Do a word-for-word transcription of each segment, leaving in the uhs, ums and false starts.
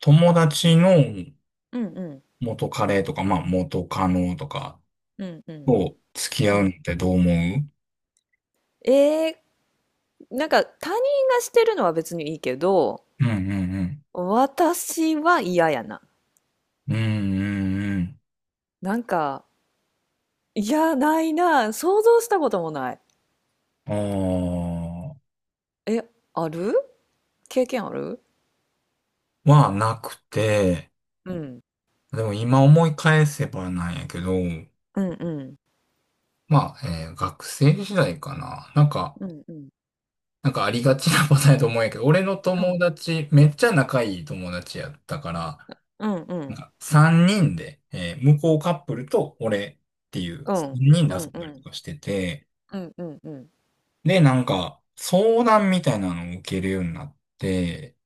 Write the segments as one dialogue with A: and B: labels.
A: 友達の
B: うんうん
A: 元カレとか、まあ元カノとか
B: うんうん
A: と付き合
B: う
A: うの
B: ん
A: ってどう思う？
B: えー、なんか他人がしてるのは別にいいけど、
A: うんうん
B: 私は嫌やな。
A: うん。うんうん
B: なんか、いやないな、想像したこともない。
A: うん。あ
B: え、ある、経験ある。
A: あ。はなくて、
B: うん
A: でも今思い返せばなんやけど、
B: うんうん
A: まあ、えー学生時代かな。なんか、
B: うんうん
A: なんかありがちなパターンやと思うんやけど、俺の
B: う
A: 友
B: ん
A: 達、めっちゃ仲いい友達やったから、
B: うんう
A: なん
B: ん
A: かさんにんで、えー向こうカップルと俺っていう
B: う
A: 3
B: ん
A: 人で
B: う
A: 遊
B: ん
A: ん
B: う
A: だりと
B: ん
A: かしてて、
B: うんうん
A: で、なんか、相談みたいなのを受けるようになって、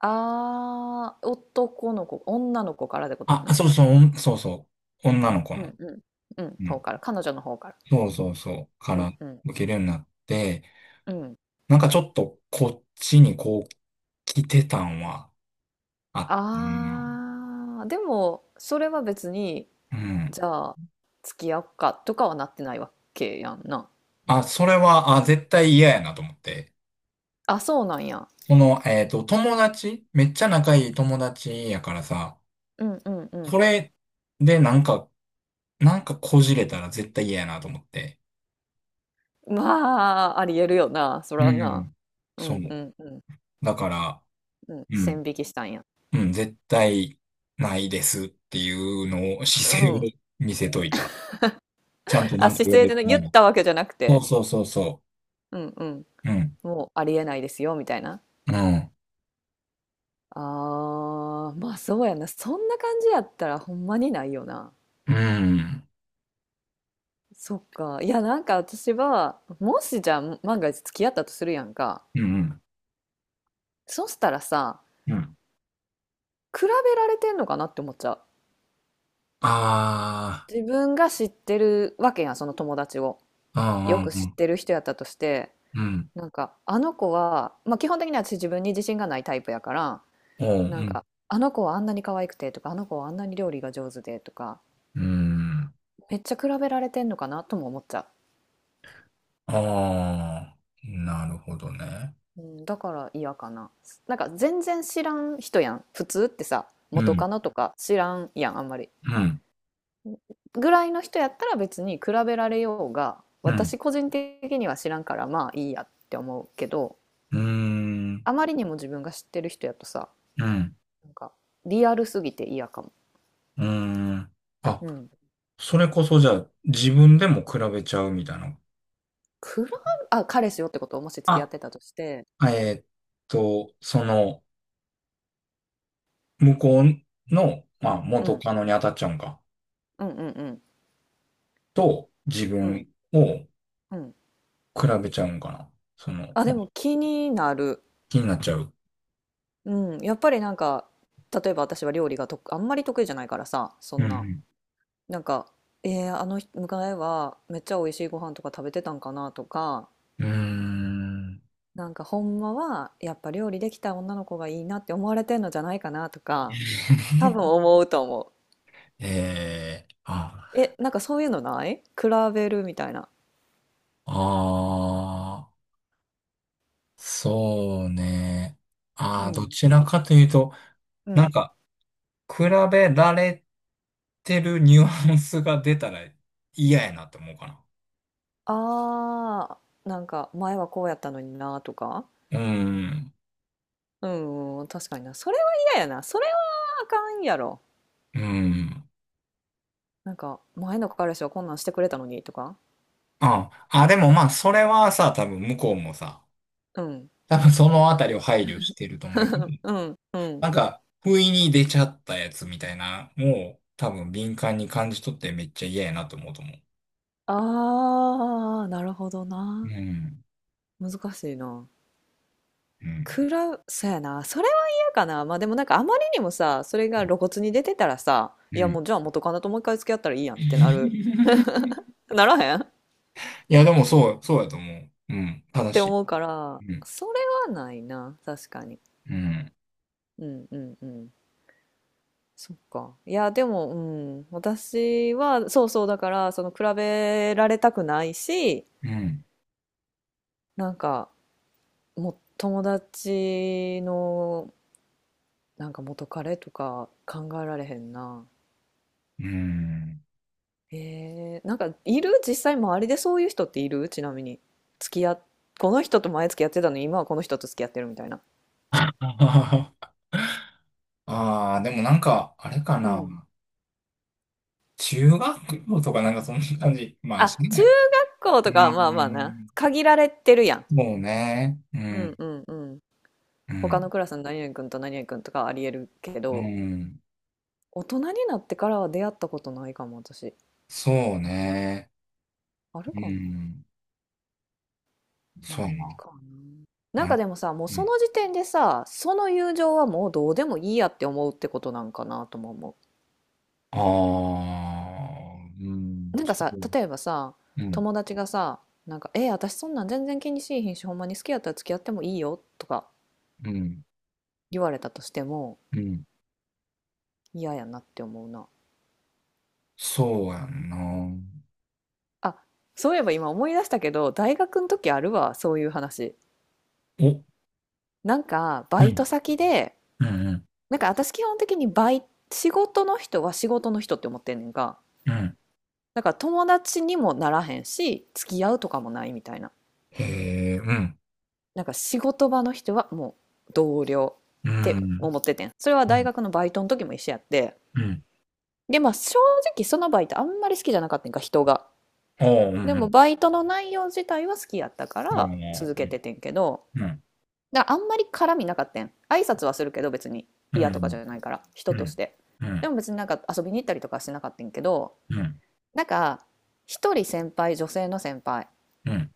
B: あー、男の子女の子からってことや
A: あ、
B: な。
A: そうそう、そうそう、女の子
B: うん
A: の。
B: うんうん
A: う
B: 方
A: ん。
B: から、彼女の方から。
A: そうそうそう、か
B: う
A: ら
B: んうん
A: 受けるようになって、
B: うん。
A: なんかちょっとこっちにこう、来てたんはあってんな。
B: ああ、でも、それは別に、
A: うん。
B: じゃあ、付き合おうかとかはなってないわけやんな。
A: あ、それは、あ、絶対嫌やなと思って。
B: あ、そうなんや。
A: その、えっと、友達、めっちゃ仲いい友達やからさ、
B: うんうん
A: こ
B: う
A: れでなんか、なんかこじれたら絶対嫌やなと思って。
B: ん。まあ、ありえるよな、そ
A: う
B: らな。
A: ん。
B: う
A: そ
B: んう
A: う。
B: んうん。
A: だから、
B: うん、
A: う
B: 線
A: ん、
B: 引きしたんや。
A: うん、絶対ないですっていうのを、
B: う
A: 姿勢を
B: ん。
A: 見せといた。ちゃんとな
B: あ、
A: んか
B: 姿
A: 言わ
B: 勢
A: れ
B: で
A: て
B: ね、
A: な
B: 言
A: い
B: っ
A: の。
B: たわけじゃなく
A: そう
B: て。
A: そうそうそ
B: うんうん。
A: う。うん、
B: もうありえないですよ、みたいな。
A: うん、
B: ああ、まあそうやな。そんな感じやったらほんまにないよな。
A: うん、
B: そっか。いや、なんか私は、もしじゃあ万が一付き合ったとするやんか。
A: うん、
B: そしたらさ、
A: うん。
B: 比べられてんのかなって思っちゃう。
A: あ
B: 自分が知ってるわけやん、その友達を。
A: あ、
B: よく
A: うん、
B: 知
A: う
B: っ
A: ん、
B: てる人やったとして、
A: うん、
B: なんか、あの子は、まあ基本的に私自分に自信がないタイプやから、
A: う
B: なん
A: ん、
B: か、あの子はあんなに可愛くてとか、あの子はあんなに料理が上手でとか、
A: うん、うん。
B: めっちゃ比べられてんのかなとも思っちゃう。
A: ああ、なるほどね。
B: うん、だから嫌かな。なんか全然知らん人やん。普通ってさ、
A: う
B: 元
A: ん、
B: カノとか知らんやん、あんまり。
A: うん、
B: ぐらいの人やったら別に比べられようが、
A: うん、
B: 私個人的には知らんから、まあいいやって思うけど、
A: うん、
B: あまりにも自分が知ってる人やとさ、
A: うん、
B: なんかリアルすぎて嫌かも。
A: うん。あ、
B: うん。
A: それこそじゃあ自分でも比べちゃうみたいな。
B: 比べ、あ、彼氏よってことを、もし付き合っ
A: あ、
B: てたとして、
A: えーっと、その、向こうの、
B: う
A: まあ、
B: ん、う
A: 元
B: ん、
A: カノに当たっちゃうんか。
B: うん、うん、
A: と、自
B: うん、うん、
A: 分を
B: うん。
A: 比べちゃうんかな。その、
B: あ、
A: ま
B: で
A: あ
B: も気になる。
A: 気になっちゃう。
B: うん、やっぱりなんか、例えば私は料理がとあんまり得意じゃないからさ、そ
A: う
B: んな、
A: ん
B: なんか、えー、あの人迎えはめっちゃ美味しいご飯とか食べてたんかなとか、
A: うん。うーん。
B: なんかほんまはやっぱ料理できた女の子がいいなって思われてんのじゃないかなとか、多 分思うと思う。
A: えー、あ、
B: え、なんかそういうのない、比べるみたいな。
A: あー、そうね。
B: う
A: あー、ど
B: ん。
A: ちらかというと、
B: う
A: なん
B: ん。
A: か、比べられてるニュアンスが出たら嫌やなって思うかな。
B: あー、なんか前はこうやったのになとか。
A: うん。
B: うん、うん、確かにな。それは嫌やな。それはあかんやろ。
A: うん。
B: なんか、前の彼氏はこんなんしてくれたのにとか、
A: ああ、でもまあ、それはさ、多分向こうもさ、
B: うん、
A: 多分そのあたりを配慮してると思うけど、
B: うん、うん。
A: なんか、不意に出ちゃったやつみたいな、もう多分敏感に感じ取ってめっちゃ嫌やなと思うと思
B: ああ、なるほど
A: う。う
B: な。
A: ん。
B: 難しいな。
A: うん。
B: くら、そうやな。それは嫌かな。まあでもなんかあまりにもさ、それが露骨に出てたらさ、
A: う
B: いや
A: ん。
B: もうじゃあ元カノともう一回付き合ったらいいやんってなる、ならへんっ
A: いや、でもそう、そうやと思う。うん。正
B: て
A: し
B: 思うから、
A: い。うん。
B: それはないな。確かに。
A: うん。
B: うんうんうん。そっか。いや、でも、うん、私は、そうそう、だから、その、比べられたくないし、
A: うん。
B: なんか、もう友達のなんか元彼とか考えられへんな。
A: うん。
B: えー、なんかいる実際周りでそういう人っている、ちなみに。付き合っ、この人と前付き合ってたのに今はこの人と付き合ってるみたいな。
A: ああー、でもなんか、あれか
B: うん。
A: な。中学校とかなんかそんな感じ。まあ、し
B: あ、中
A: ない。
B: 学校とかはま
A: う
B: あまあな。
A: ん
B: 限られてるやん。
A: そうね。う
B: うん
A: ん、
B: うんうん。
A: う
B: 他の
A: ん、
B: クラスの何々君と何々君とかはありえるけ
A: う
B: ど、
A: ん。
B: 大人になってからは出会ったことないかも私。
A: そうね。
B: ある
A: う
B: かな、
A: ん、そう
B: な
A: や
B: いん
A: な。
B: かな。な
A: な
B: んか
A: う
B: でもさ、もうそ
A: ん。
B: の時点でさ、その友情はもうどうでもいいやって思うってことなんかなとも思
A: ああ、う
B: う。
A: ん、
B: なんかさ、
A: そう、
B: 例えばさ、
A: うん、
B: 友達がさ、なんか、え、私そんなん全然気にしいひんし、ほんまに好きやったら付き合ってもいいよとか
A: うん、
B: 言われたとしても
A: うん。
B: 嫌やなって思うな。
A: そうやんな。
B: あ、そういえば今思い出したけど、大学の時あるわ、そういう話。
A: お、
B: なんか、バ
A: う
B: イ
A: ん、
B: ト先で、
A: うん、うん、
B: なんか私基本的にバイ、仕事の人は仕事の人って思ってんねんか。
A: うん。
B: だから友達にもならへんし、付き合うとかもないみたいな。
A: へえ、うん、
B: なんか仕事場の人はもう同僚
A: う
B: って
A: ん、
B: 思っててん。それは
A: う
B: 大
A: ん、
B: 学のバイトの時も一緒やって。
A: うん。
B: で、まあ正直そのバイトあんまり好きじゃなかったんか、人が。
A: あうう
B: でも
A: ん。
B: バイトの内容自体は好きやったから続け
A: あ
B: ててんけど、だからあんまり絡みなかったん。挨拶はするけど別に
A: う
B: 嫌とかじゃないから、
A: う
B: 人とし
A: ん、
B: て。
A: う
B: で
A: ん、
B: も別になんか遊びに行ったりとかはしなかったんけど、
A: うん、
B: なんか一人先輩、女性の先輩、
A: うん、うん、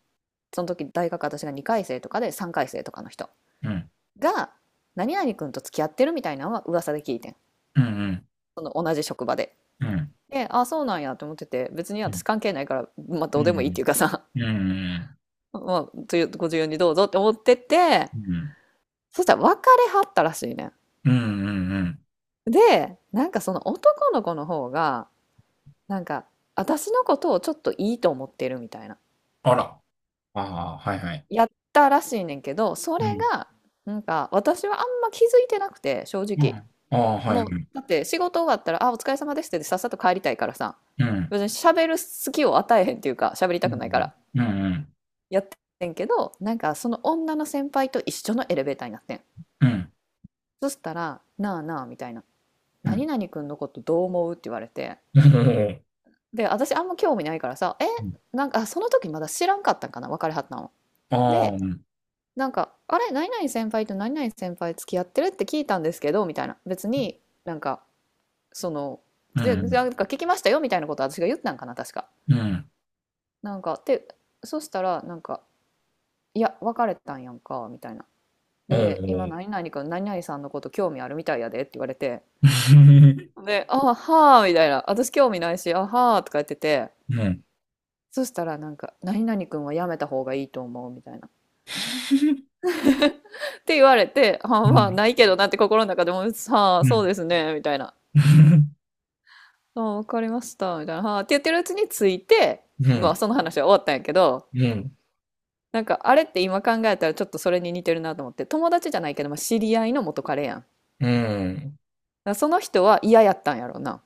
B: その時大学私がにかい生とかでさんかい生とかの人
A: うん、
B: が、何々君と付き合ってるみたいなのは噂で聞いてん、
A: うん、うん、
B: その同じ職場で。
A: うん、うん、
B: で、ああそうなんやと思ってて、別に私関係ないから、まあ、どうでもいいっていうかさ、
A: うん、
B: まあご自由にどうぞって思ってて、
A: うん。
B: そしたら別れはったらしいね
A: うんうんうん。
B: ん。で、なんかその男の子の方が、なんか私のことをちょっといいと思ってるみたいな、
A: あら。ああ、はいはい。
B: やったらしいねんけど、そ
A: う
B: れ
A: ん。
B: が、なんか私はあんま気づいてなくて正
A: うん。
B: 直。
A: ああ、はいは
B: もう、
A: い。
B: だって仕事終わったら、あ、お疲れ様ですってさっさと帰りたいからさ、
A: うん。
B: 別に喋る隙を与えへんっていうか、喋り
A: う
B: たくないか
A: ん。
B: ら、
A: うん。
B: やってんけど、なんかその女の先輩と一緒のエレベーターになってん。
A: うん。
B: そしたら、なあなあみたいな、
A: う
B: 何
A: ん。
B: 々くんのことどう思うって言われて、
A: うん。
B: で、私あんま興味ないからさ、え、
A: うん
B: なんかその時まだ知らんかったんかな、別れはったの。
A: ああ、
B: で、
A: うん。
B: なんか、あれ、何々先輩と何々先輩付き合ってるって聞いたんですけど、みたいな。別になんか、その、
A: う
B: でな
A: ん。
B: んか聞きましたよみたいなこと私が言ったんかな確か。
A: うん。
B: なんかで、そしたらなんか「いや別れたんやんか」みたいな。
A: お
B: で「今
A: ー
B: 何々君何々さんのこと興味あるみたいやで」って言われて、
A: う
B: で「あはー」みたいな、「私興味ないし、あはー」とか言ってて。
A: ん。うん。
B: そしたらなんか「何々君はやめた方がいいと思う」みたいな。って言われて「あ、
A: う
B: まあ
A: ん。
B: ないけどな」って心の中でも「は
A: う
B: あ、そう
A: ん。
B: ですね」みたいな、「あ、わかりました」みたいな、「はあ」って言ってるうちについて、まあその話は終わったんやけど、
A: うん。
B: なんかあれって今考えたらちょっとそれに似てるなと思って、友達じゃないけど、まあ、知り合いの元彼やんだか
A: うん
B: ら、その人は嫌やったんやろうな、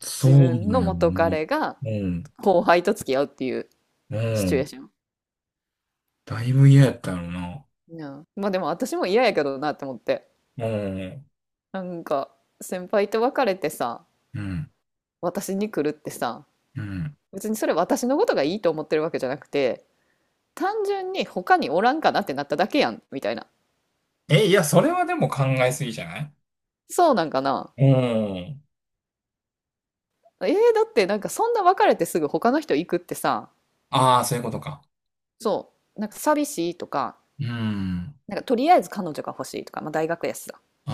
A: そ
B: 自分
A: うだ
B: の
A: よ
B: 元
A: ね。
B: 彼が
A: うん。
B: 後輩と付き合うっていう
A: う
B: シチュエー
A: ん。
B: ション、
A: だいぶ嫌やったよな。
B: うん、まあでも私も嫌やけどなって思って、
A: うん。
B: なんか先輩と別れてさ、
A: うん。
B: 私に来るってさ、
A: うん。
B: 別にそれ私のことがいいと思ってるわけじゃなくて、単純に他におらんかなってなっただけやん、みたいな、
A: え、いや、それはでも考えすぎじゃない？
B: そうなんかな。
A: うん。
B: えー、だってなんかそんな別れてすぐ他の人行くってさ、
A: ああ、そういうことか。
B: そう、なんか寂しいとか、
A: うん。
B: なんかとりあえず彼女が欲しいとか、まあ、大学やしさ、
A: あ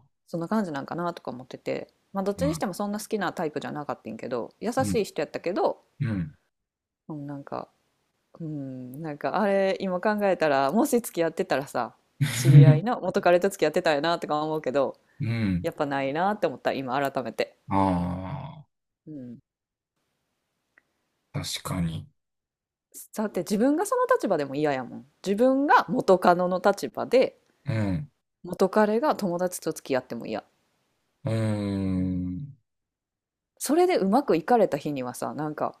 A: あ。
B: そんな感じなんかなとか思ってて、まあ、どっ
A: う
B: ちにし
A: ん。
B: てもそんな好きなタイプじゃなかったんけど、優
A: う
B: し
A: ん。
B: い人やったけど、
A: うん。
B: うん、なんか、うん、なんかあれ、今考えたら、もし付き合ってたらさ、知り合いの 元彼と付き合ってたよなとか思うけど、
A: うん。
B: やっぱないなって思った、今改めて。
A: あ
B: うん。
A: あ、確かに。
B: だって自分がその立場でも嫌やもん。自分が元カノの立場で、
A: うん。
B: 元彼が友達と付き合っても嫌。
A: うーん。
B: それでうまくいかれた日にはさ、なんか、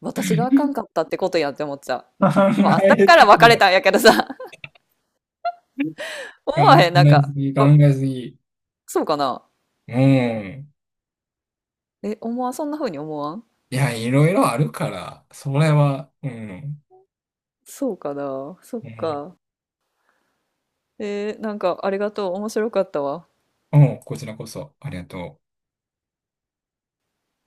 B: 私があかんかっ たってことやんって思っちゃ
A: 考
B: う。まあ、だ
A: え
B: か
A: す
B: ら別
A: ぎ
B: れ
A: だ。
B: たんやけどさ、
A: 考
B: 思わへん、なん
A: えす
B: か、
A: ぎ、考
B: あ、
A: えすぎ。
B: そうかな。
A: うん。
B: え、思わん、そんな風に思わん、
A: いや、いろいろあるから、それは、うん。
B: そうかな。そっ
A: うん。
B: か。えーなんか、ありがとう。面白かったわ。
A: うん、こちらこそ、ありがとう。